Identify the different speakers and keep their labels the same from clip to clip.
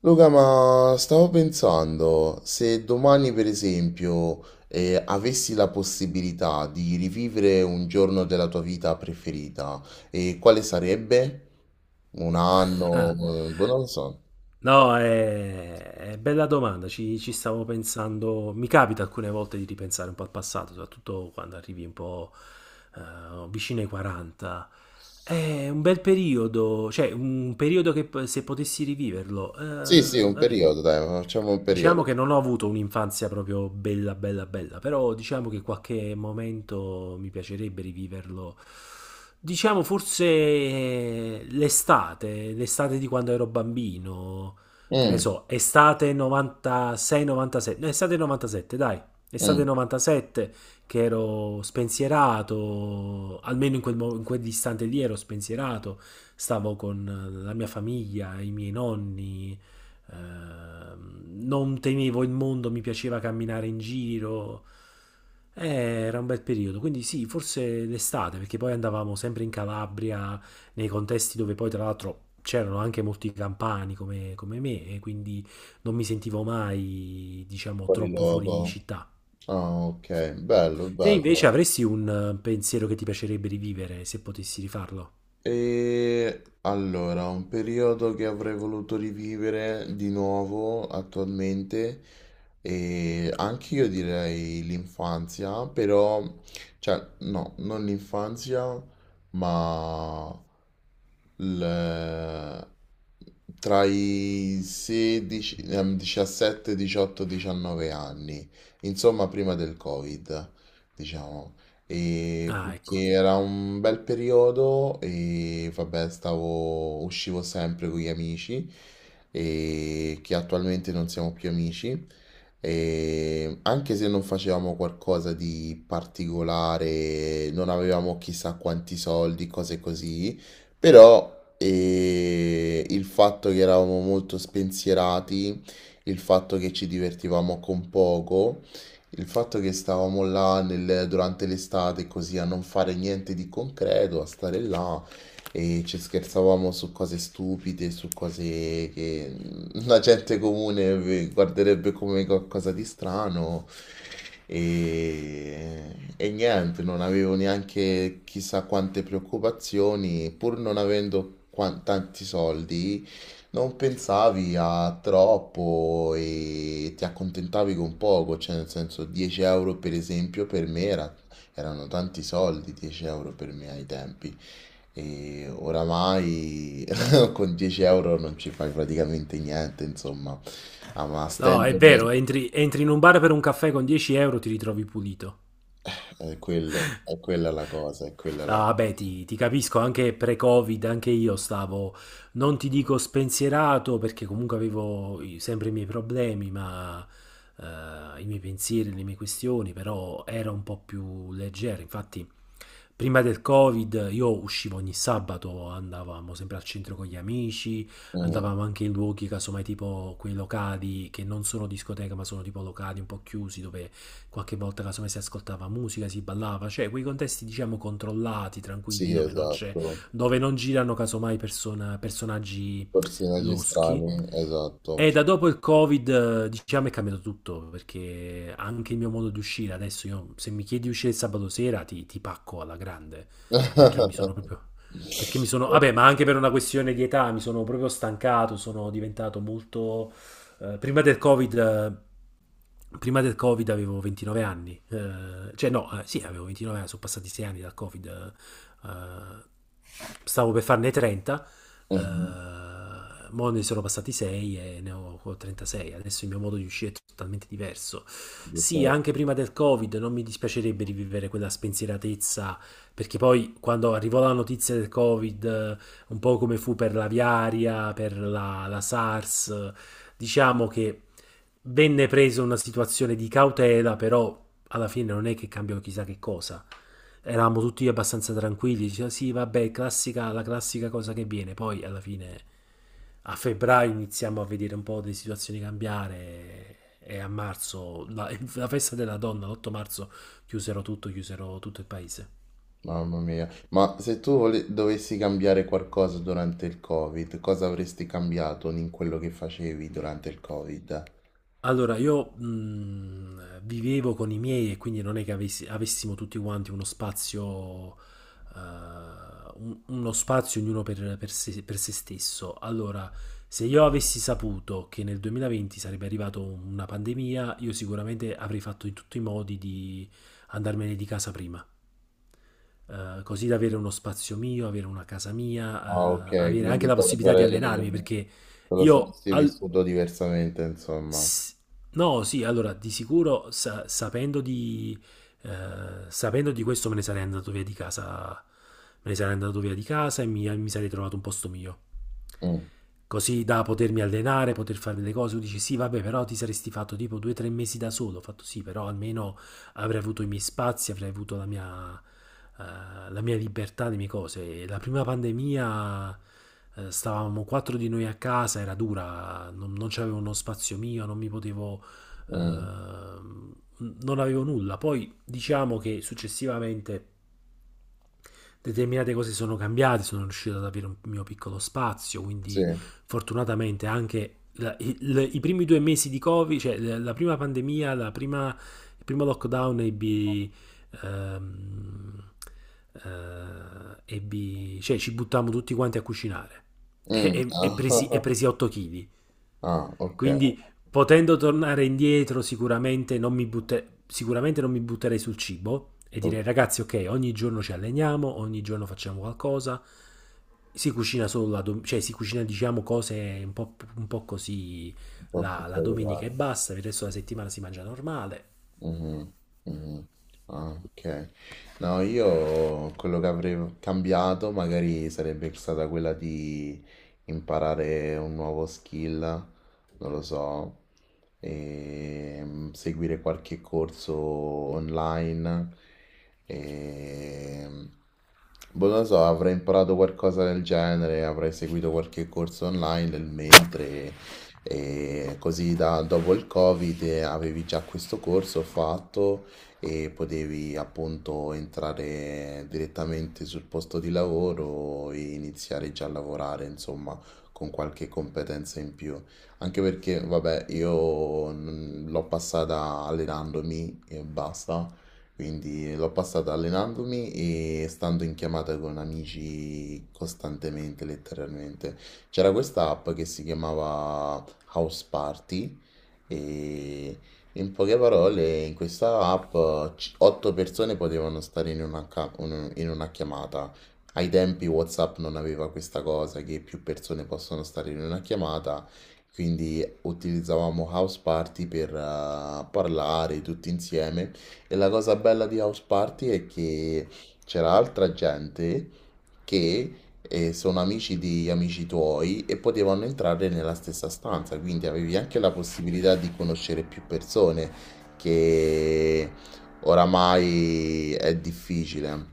Speaker 1: Luca, ma stavo pensando, se domani per esempio avessi la possibilità di rivivere un giorno della tua vita preferita, quale sarebbe? Un
Speaker 2: Eh,
Speaker 1: anno? Boh, non lo so.
Speaker 2: no, è bella domanda, ci stavo pensando, mi capita alcune volte di ripensare un po' al passato, soprattutto quando arrivi un po' vicino ai 40. È un bel periodo, cioè un periodo che se potessi riviverlo,
Speaker 1: Sì, sì, un
Speaker 2: vabbè.
Speaker 1: periodo, dai, facciamo un
Speaker 2: Diciamo
Speaker 1: periodo.
Speaker 2: che non ho avuto un'infanzia proprio bella, bella, bella, però diciamo che qualche momento mi piacerebbe riviverlo. Diciamo forse l'estate, l'estate di quando ero bambino, che ne
Speaker 1: Mm,
Speaker 2: so, estate 96-97, no, estate 97, dai, estate
Speaker 1: mm,
Speaker 2: 97, che ero spensierato, almeno in in quell'istante lì ero spensierato, stavo con la mia famiglia, i miei nonni. Non temevo il mondo, mi piaceva camminare in giro. Era un bel periodo, quindi sì, forse l'estate, perché poi andavamo sempre in Calabria, nei contesti dove poi tra l'altro c'erano anche molti campani come me, e quindi non mi sentivo mai, diciamo,
Speaker 1: fuori
Speaker 2: troppo fuori
Speaker 1: luogo.
Speaker 2: città.
Speaker 1: Ah, ok, bello,
Speaker 2: Te
Speaker 1: bello.
Speaker 2: invece avresti un pensiero che ti piacerebbe rivivere se potessi rifarlo?
Speaker 1: E allora, un periodo che avrei voluto rivivere di nuovo attualmente, e anche io direi l'infanzia, però, cioè, no, non l'infanzia, ma il- tra i 16, 17, 18, 19 anni, insomma, prima del Covid, diciamo. E
Speaker 2: Ah, ecco.
Speaker 1: perché era un bel periodo e vabbè, stavo, uscivo sempre con gli amici e che attualmente non siamo più amici. E anche se non facevamo qualcosa di particolare, non avevamo chissà quanti soldi, cose così, però il fatto che eravamo molto spensierati, il fatto che ci divertivamo con poco, il fatto che stavamo là durante l'estate così a non fare niente di concreto, a stare là e ci scherzavamo su cose stupide, su cose che la gente comune guarderebbe come qualcosa di strano e, e niente, non avevo neanche chissà quante preoccupazioni, pur non avendo tanti soldi. Non pensavi a troppo e ti accontentavi con poco, cioè nel senso 10 € per esempio per me erano tanti soldi, 10 € per me ai tempi e oramai con 10 € non ci fai praticamente niente, insomma, ah, ma a
Speaker 2: No, è
Speaker 1: stento
Speaker 2: vero, entri in un bar per un caffè con 10 euro, ti ritrovi pulito.
Speaker 1: è quello, è quella la cosa, è quella la
Speaker 2: Ah, beh,
Speaker 1: cosa.
Speaker 2: ti capisco, anche pre-Covid, anche io stavo, non ti dico spensierato perché comunque avevo sempre i miei problemi, ma i miei pensieri, le mie questioni, però era un po' più leggero. Infatti, prima del Covid io uscivo ogni sabato, andavamo sempre al centro con gli amici,
Speaker 1: Mm,
Speaker 2: andavamo anche in luoghi, casomai tipo quei locali che non sono discoteca, ma sono tipo locali un po' chiusi dove qualche volta casomai si ascoltava musica, si ballava, cioè quei contesti diciamo controllati, tranquilli,
Speaker 1: sì,
Speaker 2: dove non c'è,
Speaker 1: esatto,
Speaker 2: dove non girano casomai personaggi
Speaker 1: personaggi
Speaker 2: loschi.
Speaker 1: strani, esatto.
Speaker 2: E da dopo il Covid, diciamo, è cambiato tutto, perché anche il mio modo di uscire, adesso io, se mi chiedi di uscire il sabato sera, ti pacco alla grande, perché mi sono proprio... Perché mi sono... vabbè, ma anche per una questione di età, mi sono proprio stancato, sono diventato molto. eh, prima del Covid... eh, Prima del Covid avevo 29 anni, cioè no, sì, avevo 29 anni, sono passati 6 anni dal Covid, stavo per farne 30,
Speaker 1: Mhm.
Speaker 2: eh, mo ne sono passati 6 e ne ho 36, adesso il mio modo di uscire è totalmente diverso.
Speaker 1: Giusto,
Speaker 2: Sì,
Speaker 1: eh.
Speaker 2: anche prima del Covid non mi dispiacerebbe rivivere quella spensieratezza perché poi quando arrivò la notizia del Covid, un po' come fu per l'aviaria, per la SARS, diciamo che venne presa una situazione di cautela, però alla fine non è che cambiò chissà che cosa. Eravamo tutti abbastanza tranquilli, diceva sì, vabbè, classica, la classica cosa che viene. Poi alla fine a febbraio iniziamo a vedere un po' le situazioni cambiare e a marzo, la, la festa della donna, l'8 marzo, chiusero tutto il paese.
Speaker 1: Mamma mia, ma se tu dovessi cambiare qualcosa durante il Covid, cosa avresti cambiato in quello che facevi durante il Covid?
Speaker 2: Allora, io vivevo con i miei e quindi non è che avessimo tutti quanti uno spazio, eh, uno spazio ognuno per se stesso. Allora, se io avessi saputo che nel 2020 sarebbe arrivata una pandemia, io sicuramente avrei fatto in tutti i modi di andarmene di casa prima. Così da avere uno spazio mio, avere una casa
Speaker 1: Ah, ok,
Speaker 2: mia, avere anche
Speaker 1: quindi
Speaker 2: la
Speaker 1: te lo
Speaker 2: possibilità di allenarmi. Perché
Speaker 1: te lo
Speaker 2: io
Speaker 1: saresti
Speaker 2: al-
Speaker 1: vissuto diversamente, insomma.
Speaker 2: S- No, sì, allora di sicuro sapendo di questo me ne sarei andato via di casa, me ne sarei andato via di casa e mi sarei trovato un posto mio
Speaker 1: Mm,
Speaker 2: così da potermi allenare, poter fare delle cose. Tu dici sì, vabbè, però ti saresti fatto tipo 2 o 3 mesi da solo. Ho fatto sì, però almeno avrei avuto i miei spazi, avrei avuto la mia libertà, le mie cose. E la prima pandemia stavamo quattro di noi a casa, era dura, non c'avevo uno spazio mio, non mi potevo...
Speaker 1: mm,
Speaker 2: eh, non avevo nulla. Poi diciamo che successivamente determinate cose sono cambiate, sono riuscito ad avere un mio piccolo spazio,
Speaker 1: sì.
Speaker 2: quindi fortunatamente anche i primi 2 mesi di Covid, cioè la prima pandemia, il primo lockdown, ehm, cioè ci buttammo tutti quanti a cucinare e,
Speaker 1: Mm.
Speaker 2: e, e presi, e presi 8 kg,
Speaker 1: Ah, ok,
Speaker 2: quindi potendo tornare indietro sicuramente non mi butterei sul cibo e
Speaker 1: ho-
Speaker 2: direi ragazzi ok ogni giorno ci alleniamo, ogni giorno facciamo qualcosa, si cucina cioè si cucina diciamo cose un po' così
Speaker 1: ho
Speaker 2: la, la
Speaker 1: pensato
Speaker 2: domenica e
Speaker 1: bene.
Speaker 2: basta, per il resto della settimana si mangia normale.
Speaker 1: Mhm, mhm. Ah, ok. No, io quello che avrei cambiato magari sarebbe stata quella di imparare un nuovo skill, non lo so, e seguire qualche corso online. E, boh, non lo so, avrei imparato qualcosa del genere, avrei seguito qualche corso online nel mentre e così dopo il Covid avevi già questo corso fatto e potevi appunto entrare direttamente sul posto di lavoro e iniziare già a lavorare, insomma, con qualche competenza in più. Anche perché, vabbè, io l'ho passata allenandomi e basta. Quindi l'ho passata allenandomi e stando in chiamata con amici costantemente, letteralmente. C'era questa app che si chiamava House Party e in poche parole in questa app otto persone potevano stare in una, in una chiamata. Ai tempi WhatsApp non aveva questa cosa che più persone possono stare in una chiamata, quindi utilizzavamo House Party per parlare tutti insieme e la cosa bella di House Party è che c'era altra gente che sono amici di amici tuoi e potevano entrare nella stessa stanza, quindi avevi anche la possibilità di conoscere più persone, che oramai è difficile.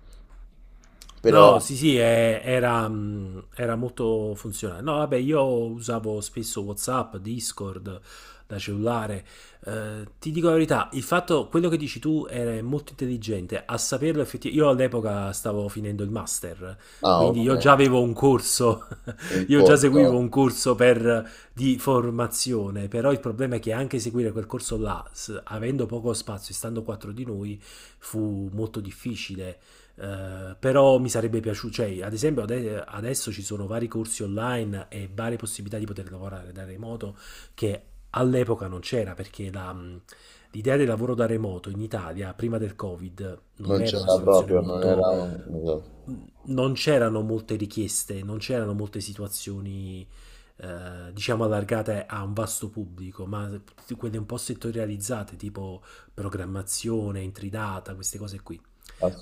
Speaker 1: Però,
Speaker 2: No, sì, sì, era molto funzionale. No, vabbè, io usavo spesso WhatsApp, Discord da cellulare. Ti dico la verità, il fatto, quello che dici tu era molto intelligente. A saperlo effettivamente, io all'epoca stavo finendo il master,
Speaker 1: no, ah,
Speaker 2: quindi
Speaker 1: ok, in
Speaker 2: io già seguivo
Speaker 1: corto
Speaker 2: un corso per, di formazione, però il problema è che anche seguire quel corso là, avendo poco spazio e stando quattro di noi, fu molto difficile. Però mi sarebbe piaciuto, cioè, ad esempio, adesso ci sono vari corsi online e varie possibilità di poter lavorare da remoto che all'epoca non c'era perché l'idea del lavoro da remoto in Italia prima del Covid non
Speaker 1: non
Speaker 2: era una
Speaker 1: c'era
Speaker 2: situazione
Speaker 1: proprio, non era
Speaker 2: molto.
Speaker 1: esatto,
Speaker 2: Non c'erano molte richieste, non c'erano molte situazioni, diciamo, allargate a un vasto pubblico, ma quelle un po' settorializzate, tipo programmazione, intridata, queste cose qui.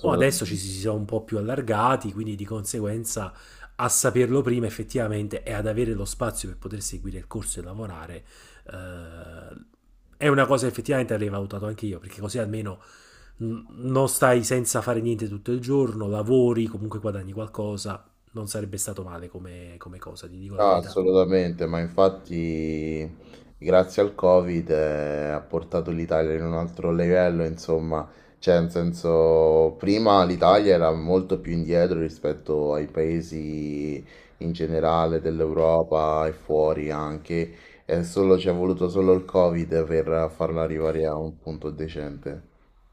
Speaker 2: Mo adesso ci si sono un po' più allargati, quindi di conseguenza a saperlo prima effettivamente e ad avere lo spazio per poter seguire il corso e lavorare, eh, è una cosa effettivamente avrei valutato anche io, perché così almeno non stai senza fare niente tutto il giorno, lavori, comunque guadagni qualcosa, non sarebbe stato male come cosa, ti dico la
Speaker 1: No,
Speaker 2: verità.
Speaker 1: assolutamente, ma infatti grazie al Covid ha portato l'Italia in un altro livello, insomma, cioè nel senso prima l'Italia era molto più indietro rispetto ai paesi in generale dell'Europa e fuori anche, e solo ci è voluto solo il Covid per farla arrivare a un punto decente.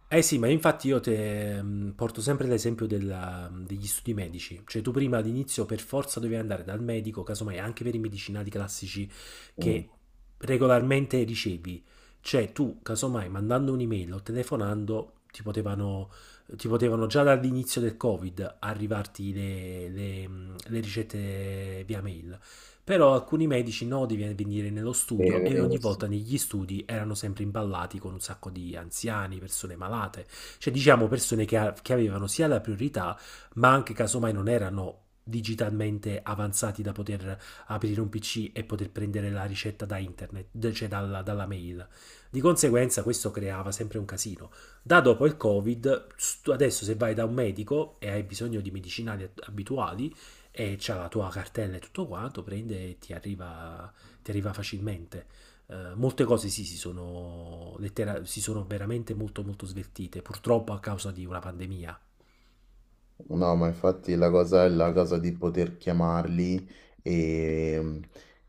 Speaker 2: Eh sì, ma infatti io te porto sempre l'esempio degli studi medici, cioè tu prima all'inizio per forza dovevi andare dal medico, casomai anche per i medicinali classici
Speaker 1: Mm.
Speaker 2: che regolarmente ricevi, cioè tu casomai mandando un'email o telefonando ti potevano già dall'inizio del Covid arrivarti le ricette via mail. Però alcuni medici no di venire nello studio e
Speaker 1: E-
Speaker 2: ogni volta negli studi erano sempre imballati con un sacco di anziani, persone malate, cioè diciamo persone che avevano sia la priorità, ma anche casomai non erano digitalmente avanzati da poter aprire un PC e poter prendere la ricetta da internet, cioè dalla, dalla mail. Di conseguenza questo creava sempre un casino. Da dopo il Covid, adesso se vai da un medico e hai bisogno di medicinali abituali, e c'ha la tua cartella e tutto quanto, prende e ti arriva facilmente. Molte cose sì, si sono, si sono veramente molto molto sveltite, purtroppo a causa di una pandemia.
Speaker 1: No, ma infatti la cosa è la cosa di poter chiamarli e,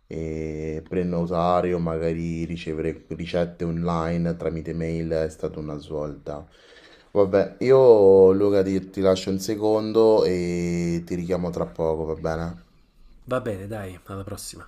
Speaker 1: e prenotare o magari ricevere ricette online tramite mail è stata una svolta. Vabbè, io Luca ti, ti lascio un secondo e ti richiamo tra poco, va bene?
Speaker 2: Va bene, dai, alla prossima.